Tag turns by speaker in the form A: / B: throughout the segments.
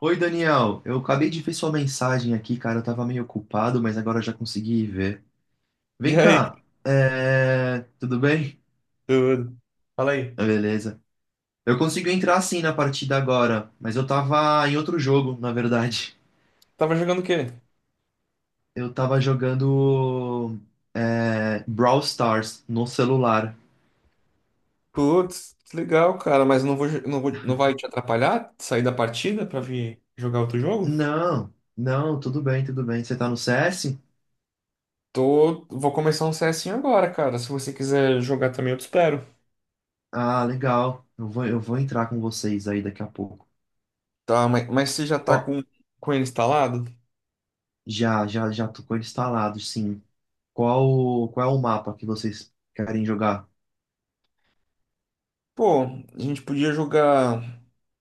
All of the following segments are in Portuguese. A: Oi, Daniel. Eu acabei de ver sua mensagem aqui, cara. Eu tava meio ocupado, mas agora eu já consegui ver.
B: E
A: Vem
B: aí,
A: cá. Tudo bem?
B: tudo? Fala aí.
A: Ah, beleza. Eu consigo entrar sim na partida agora, mas eu tava em outro jogo, na verdade.
B: Tava jogando o quê?
A: Eu tava jogando Brawl Stars no celular.
B: Putz, que legal, cara, mas não vai te atrapalhar sair da partida pra vir jogar outro jogo?
A: Não, não, tudo bem, tudo bem. Você tá no CS?
B: Tô, vou começar um CSinho agora, cara. Se você quiser jogar também, eu te espero.
A: Ah, legal. Eu vou entrar com vocês aí daqui a pouco.
B: Tá, mas você já tá
A: Qual?
B: com ele instalado?
A: Já, tô com ele instalado, sim. Qual é o mapa que vocês querem jogar?
B: Pô, a gente podia jogar,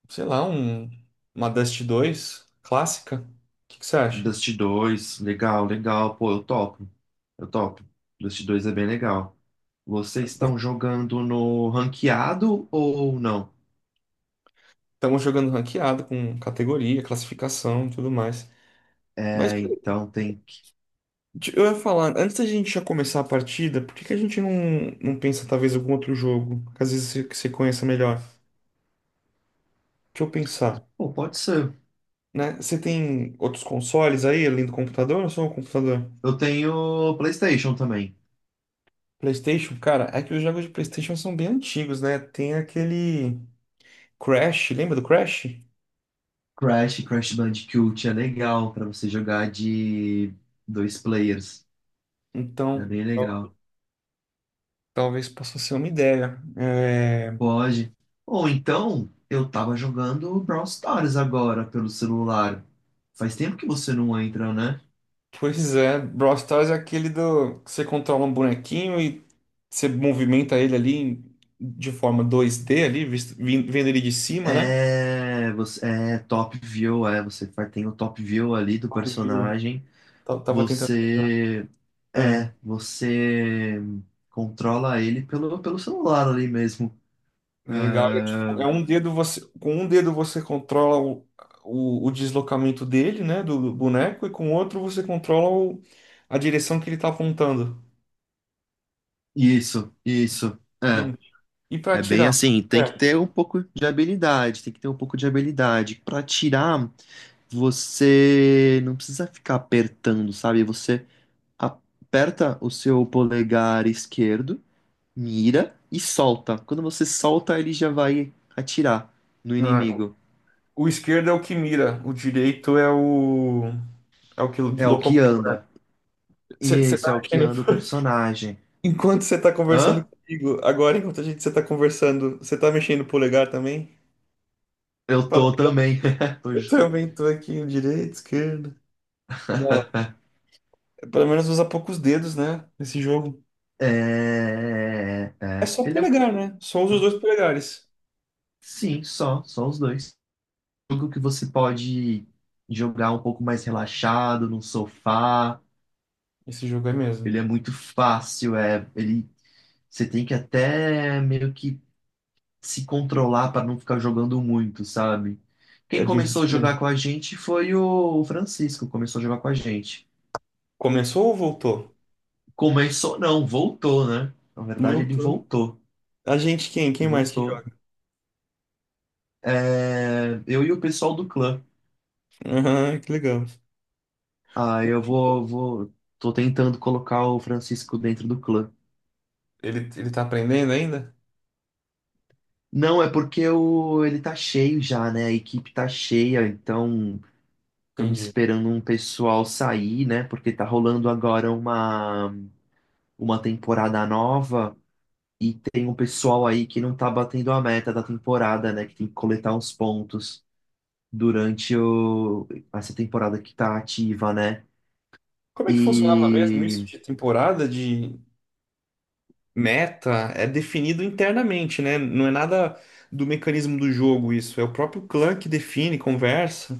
B: sei lá, uma Dust 2 clássica. O que que você acha?
A: Dust 2, legal, legal. Pô, eu topo. Eu topo. Dust 2 é bem legal. Vocês estão jogando no ranqueado ou não?
B: Estamos jogando ranqueado com categoria, classificação e tudo mais. Mas
A: É, então tem que.
B: Eu ia falar, antes da gente já começar a partida, por que que a gente não pensa talvez em algum outro jogo? Que às vezes que você conheça melhor. Deixa eu pensar,
A: Pô, pode ser.
B: né? Você tem outros consoles aí, além do computador ou só o computador?
A: Eu tenho PlayStation também.
B: PlayStation, cara, é que os jogos de PlayStation são bem antigos, né? Tem aquele Crash, lembra do Crash?
A: Crash, Crash Bandicoot é legal pra você jogar de dois players. É
B: Então,
A: bem legal.
B: talvez possa ser uma ideia. É.
A: Pode. Ou então, eu tava jogando Brawl Stars agora pelo celular. Faz tempo que você não entra, né?
B: Pois é, Brawl Stars é aquele do que você controla um bonequinho e você movimenta ele ali de forma 2D ali, vendo ele de cima, né?
A: É, você é top view, é, você tem o top view ali do
B: Top view.
A: personagem.
B: Tava tentando lembrar.
A: Você
B: É,
A: é, você controla ele pelo celular ali mesmo. É,
B: legal. É, tipo, é um dedo você com um dedo você controla o deslocamento dele, né, do boneco e com o outro você controla a direção que ele tá apontando.
A: isso, isso. É.
B: Hum. E pra
A: É bem
B: atirar?
A: assim, tem que
B: É.
A: ter um pouco de habilidade, tem que ter um pouco de habilidade para tirar. Você não precisa ficar apertando, sabe? Você aperta o seu polegar esquerdo, mira e solta. Quando você solta, ele já vai atirar no
B: Ah,
A: inimigo.
B: o esquerdo é o que mira, o direito é o que
A: É o que
B: locomove.
A: anda. E
B: Você
A: esse é o
B: tá
A: que
B: mexendo.
A: anda o personagem.
B: Enquanto você tá conversando
A: Hã?
B: comigo, agora enquanto a gente você tá conversando, você tá mexendo o polegar também?
A: Eu
B: Fala,
A: tô também.
B: eu
A: Hoje.
B: também tô aqui, direito, esquerda. Não, pelo menos usa poucos dedos, né? Nesse jogo.
A: É, é.
B: É
A: é.
B: só
A: Ele é. um-
B: polegar, né? Só usa os dois polegares.
A: Sim, só. Só os dois. Jogo que você pode jogar um pouco mais relaxado, num sofá.
B: Esse jogo é mesmo.
A: Ele é muito fácil, é, ele você tem que até meio que se controlar para não ficar jogando muito, sabe?
B: É
A: Quem
B: bem
A: começou a jogar
B: viciante.
A: com a gente foi o Francisco, começou a jogar com a gente.
B: Começou ou voltou?
A: Começou, não, voltou, né? Na verdade, ele
B: Voltou.
A: voltou,
B: A gente quem? Quem mais que
A: voltou.
B: joga?
A: É, eu e o pessoal do clã.
B: Aham, que legal.
A: Ah,
B: O-
A: eu vou, tô tentando colocar o Francisco dentro do clã.
B: ele tá aprendendo ainda?
A: Não, é porque o, ele tá cheio já, né? A equipe tá cheia, então estamos
B: Entendi.
A: esperando um pessoal sair, né? Porque tá rolando agora uma temporada nova e tem um pessoal aí que não tá batendo a meta da temporada, né? Que tem que coletar uns pontos durante o, essa temporada que tá ativa, né?
B: Como é que funcionava mesmo isso
A: E
B: de temporada de. Meta é definido internamente, né? Não é nada do mecanismo do jogo isso. É o próprio clã que define, conversa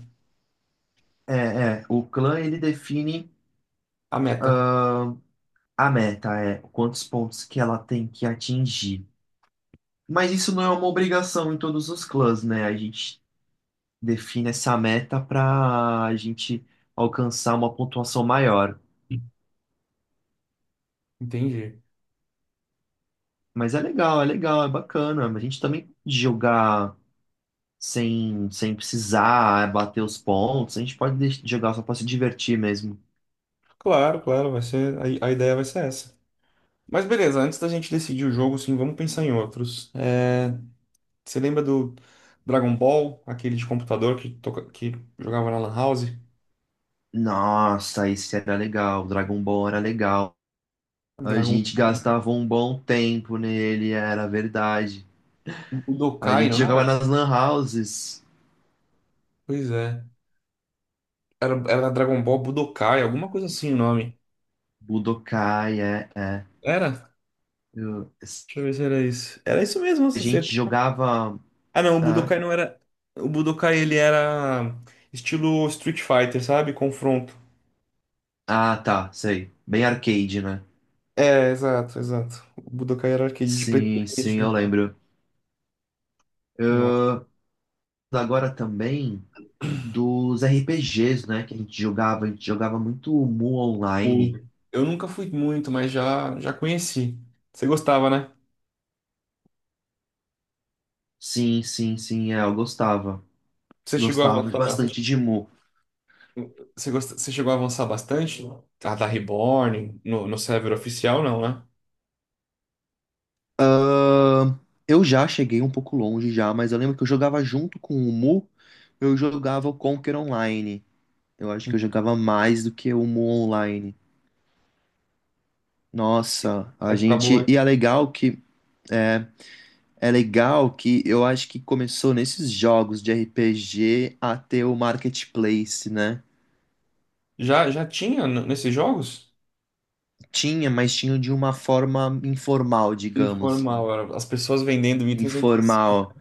A: é, o clã ele define
B: a meta.
A: ah, a meta, é quantos pontos que ela tem que atingir. Mas isso não é uma obrigação em todos os clãs, né? A gente define essa meta para a gente alcançar uma pontuação maior.
B: Entendi.
A: Mas é legal, é legal, é bacana. A gente também pode jogar sem precisar é, bater os pontos. A gente pode jogar só para se divertir mesmo.
B: Claro, claro, vai ser a ideia vai ser essa. Mas beleza, antes da gente decidir o jogo, sim, vamos pensar em outros. É, você lembra do Dragon Ball, aquele de computador que jogava na Lan House?
A: Nossa, esse era legal. O Dragon Ball era legal. A
B: Dragon
A: gente gastava um bom tempo nele, era verdade. A
B: Budokai,
A: gente
B: não
A: jogava
B: era?
A: nas lan houses.
B: Pois é. Era Dragon Ball Budokai, alguma coisa assim o nome.
A: Budokai, é, é.
B: Era?
A: Eu-
B: Deixa eu ver se era isso. Era isso mesmo,
A: a
B: você.
A: gente jogava.
B: Ah, não, o Budokai não era. O Budokai ele era estilo Street Fighter, sabe? Confronto.
A: Ah, tá, sei. Bem arcade, né?
B: É, exato, exato. O Budokai era arcade de
A: Sim, sim,
B: PlayStation e
A: eu
B: tal.
A: lembro. Eu
B: Nossa.
A: agora também dos RPGs, né, que a gente jogava muito Mu
B: O-
A: online.
B: Eu nunca fui muito, mas já conheci. Você gostava, né?
A: Sim, sim, sim, é, eu gostava.
B: Você chegou a
A: Gostava
B: avançar bastante.
A: bastante de Mu.
B: Você chegou a avançar bastante? A da Reborn, no server oficial, não, né?
A: Eu já cheguei um pouco longe já, mas eu lembro que eu jogava junto com o Mu, eu jogava o Conquer Online. Eu acho que eu jogava mais do que o Mu online. Nossa, a
B: Época boa,
A: gente. E
B: hein?
A: é legal que. é, É legal que eu acho que começou nesses jogos de RPG a ter o marketplace, né?
B: Já tinha nesses jogos?
A: Tinha, mas tinha de uma forma informal, digamos.
B: Informal, era as pessoas vendendo itens entre si.
A: Informal.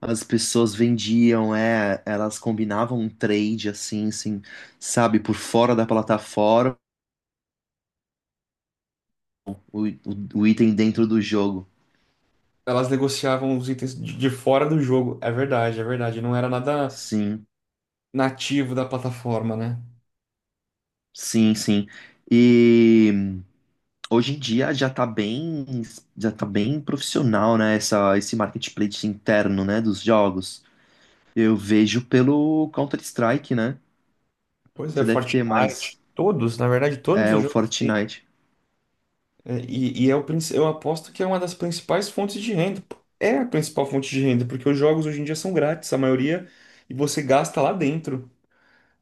A: As pessoas vendiam, é, elas combinavam um trade assim, assim, sabe, por fora da plataforma, o item dentro do jogo.
B: Elas negociavam os itens de fora do jogo. É verdade, é verdade. Não era nada
A: Sim,
B: nativo da plataforma, né?
A: sim, sim. E hoje em dia já tá bem profissional, né, essa, esse marketplace interno, né, dos jogos. Eu vejo pelo Counter-Strike, né?
B: Pois é,
A: Você deve ter
B: Fortnite.
A: mais
B: Todos, na verdade, todos
A: é,
B: os
A: o
B: jogos têm.
A: Fortnite.
B: É, e eu aposto que é uma das principais fontes de renda. Pô. É a principal fonte de renda, porque os jogos hoje em dia são grátis, a maioria, e você gasta lá dentro,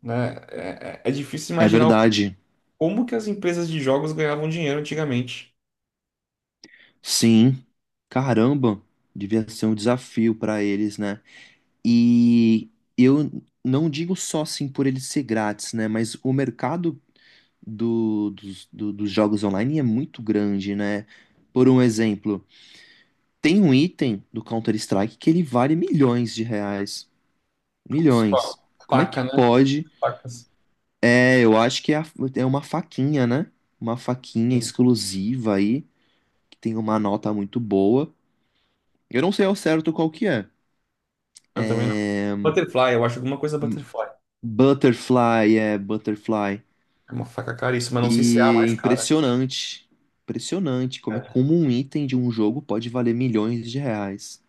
B: né? É, é difícil
A: É
B: imaginar
A: verdade.
B: como que as empresas de jogos ganhavam dinheiro antigamente.
A: Sim. Caramba, devia ser um desafio pra eles, né? E eu não digo só assim por ele ser grátis, né? Mas o mercado dos jogos online é muito grande, né? Por um exemplo, tem um item do Counter-Strike que ele vale milhões de reais.
B: Com
A: Milhões.
B: a
A: Como é que
B: Paca, né? As
A: pode?
B: Pacas.
A: É, eu acho que é, é uma faquinha, né? Uma faquinha
B: Sim.
A: exclusiva aí, que tem uma nota muito boa. Eu não sei ao certo qual que é.
B: Eu também não. Butterfly, eu acho alguma coisa Butterfly.
A: Butterfly, é, Butterfly.
B: É uma faca caríssima, não sei se é a
A: E é
B: mais cara.
A: impressionante. Impressionante como, é,
B: É.
A: como um item de um jogo pode valer milhões de reais.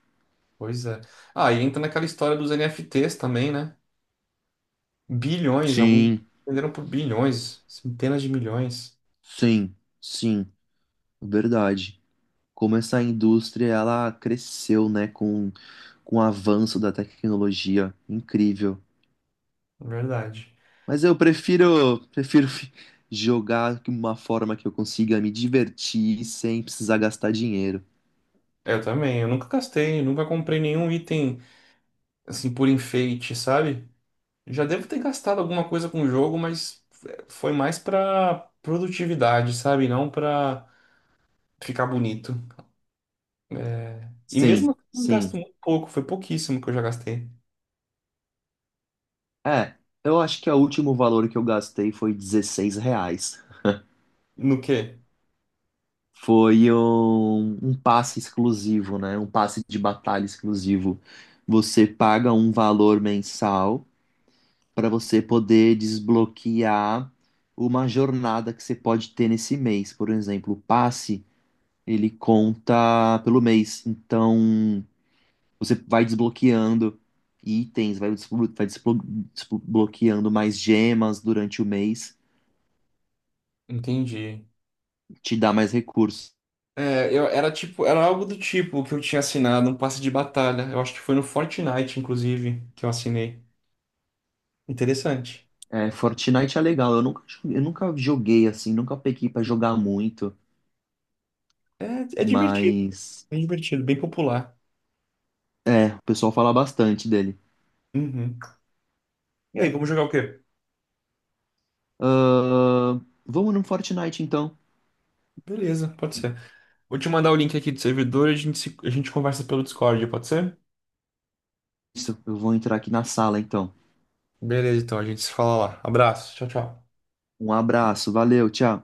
B: Pois é. Ah, e entra naquela história dos NFTs também, né? Bilhões, alguns
A: Sim,
B: venderam por bilhões, centenas de milhões.
A: sim, sim, verdade. Como essa indústria ela cresceu, né, com o avanço da tecnologia. Incrível.
B: É verdade.
A: Mas eu prefiro jogar de uma forma que eu consiga me divertir sem precisar gastar dinheiro.
B: Eu também, eu nunca gastei, nunca comprei nenhum item assim por enfeite, sabe? Já devo ter gastado alguma coisa com o jogo, mas foi mais pra produtividade, sabe? Não pra ficar bonito. E mesmo
A: Sim,
B: assim, eu gasto
A: sim.
B: muito pouco, foi pouquíssimo que eu já gastei.
A: É, eu acho que o último valor que eu gastei foi 16 reais.
B: No quê?
A: Foi um passe exclusivo, né? Um passe de batalha exclusivo. Você paga um valor mensal para você poder desbloquear uma jornada que você pode ter nesse mês. Por exemplo, o passe, ele conta pelo mês. Então, você vai desbloqueando itens, desbloqueando mais gemas durante o mês,
B: Entendi.
A: te dá mais recursos.
B: É, era tipo, era algo do tipo que eu tinha assinado, um passe de batalha. Eu acho que foi no Fortnite, inclusive, que eu assinei. Interessante.
A: É, Fortnite é legal, eu nunca joguei assim, nunca peguei pra jogar muito,
B: É, é divertido,
A: mas
B: é divertido, bem popular.
A: é, o pessoal fala bastante dele.
B: Uhum. E aí, vamos jogar o quê?
A: Ahn, Vamos no Fortnite então.
B: Beleza, pode ser. Vou te mandar o link aqui do servidor e a gente, se- a gente conversa pelo Discord, pode ser?
A: Eu vou entrar aqui na sala, então.
B: Beleza, então, a gente se fala lá. Abraço, tchau, tchau.
A: Um abraço, valeu, tchau.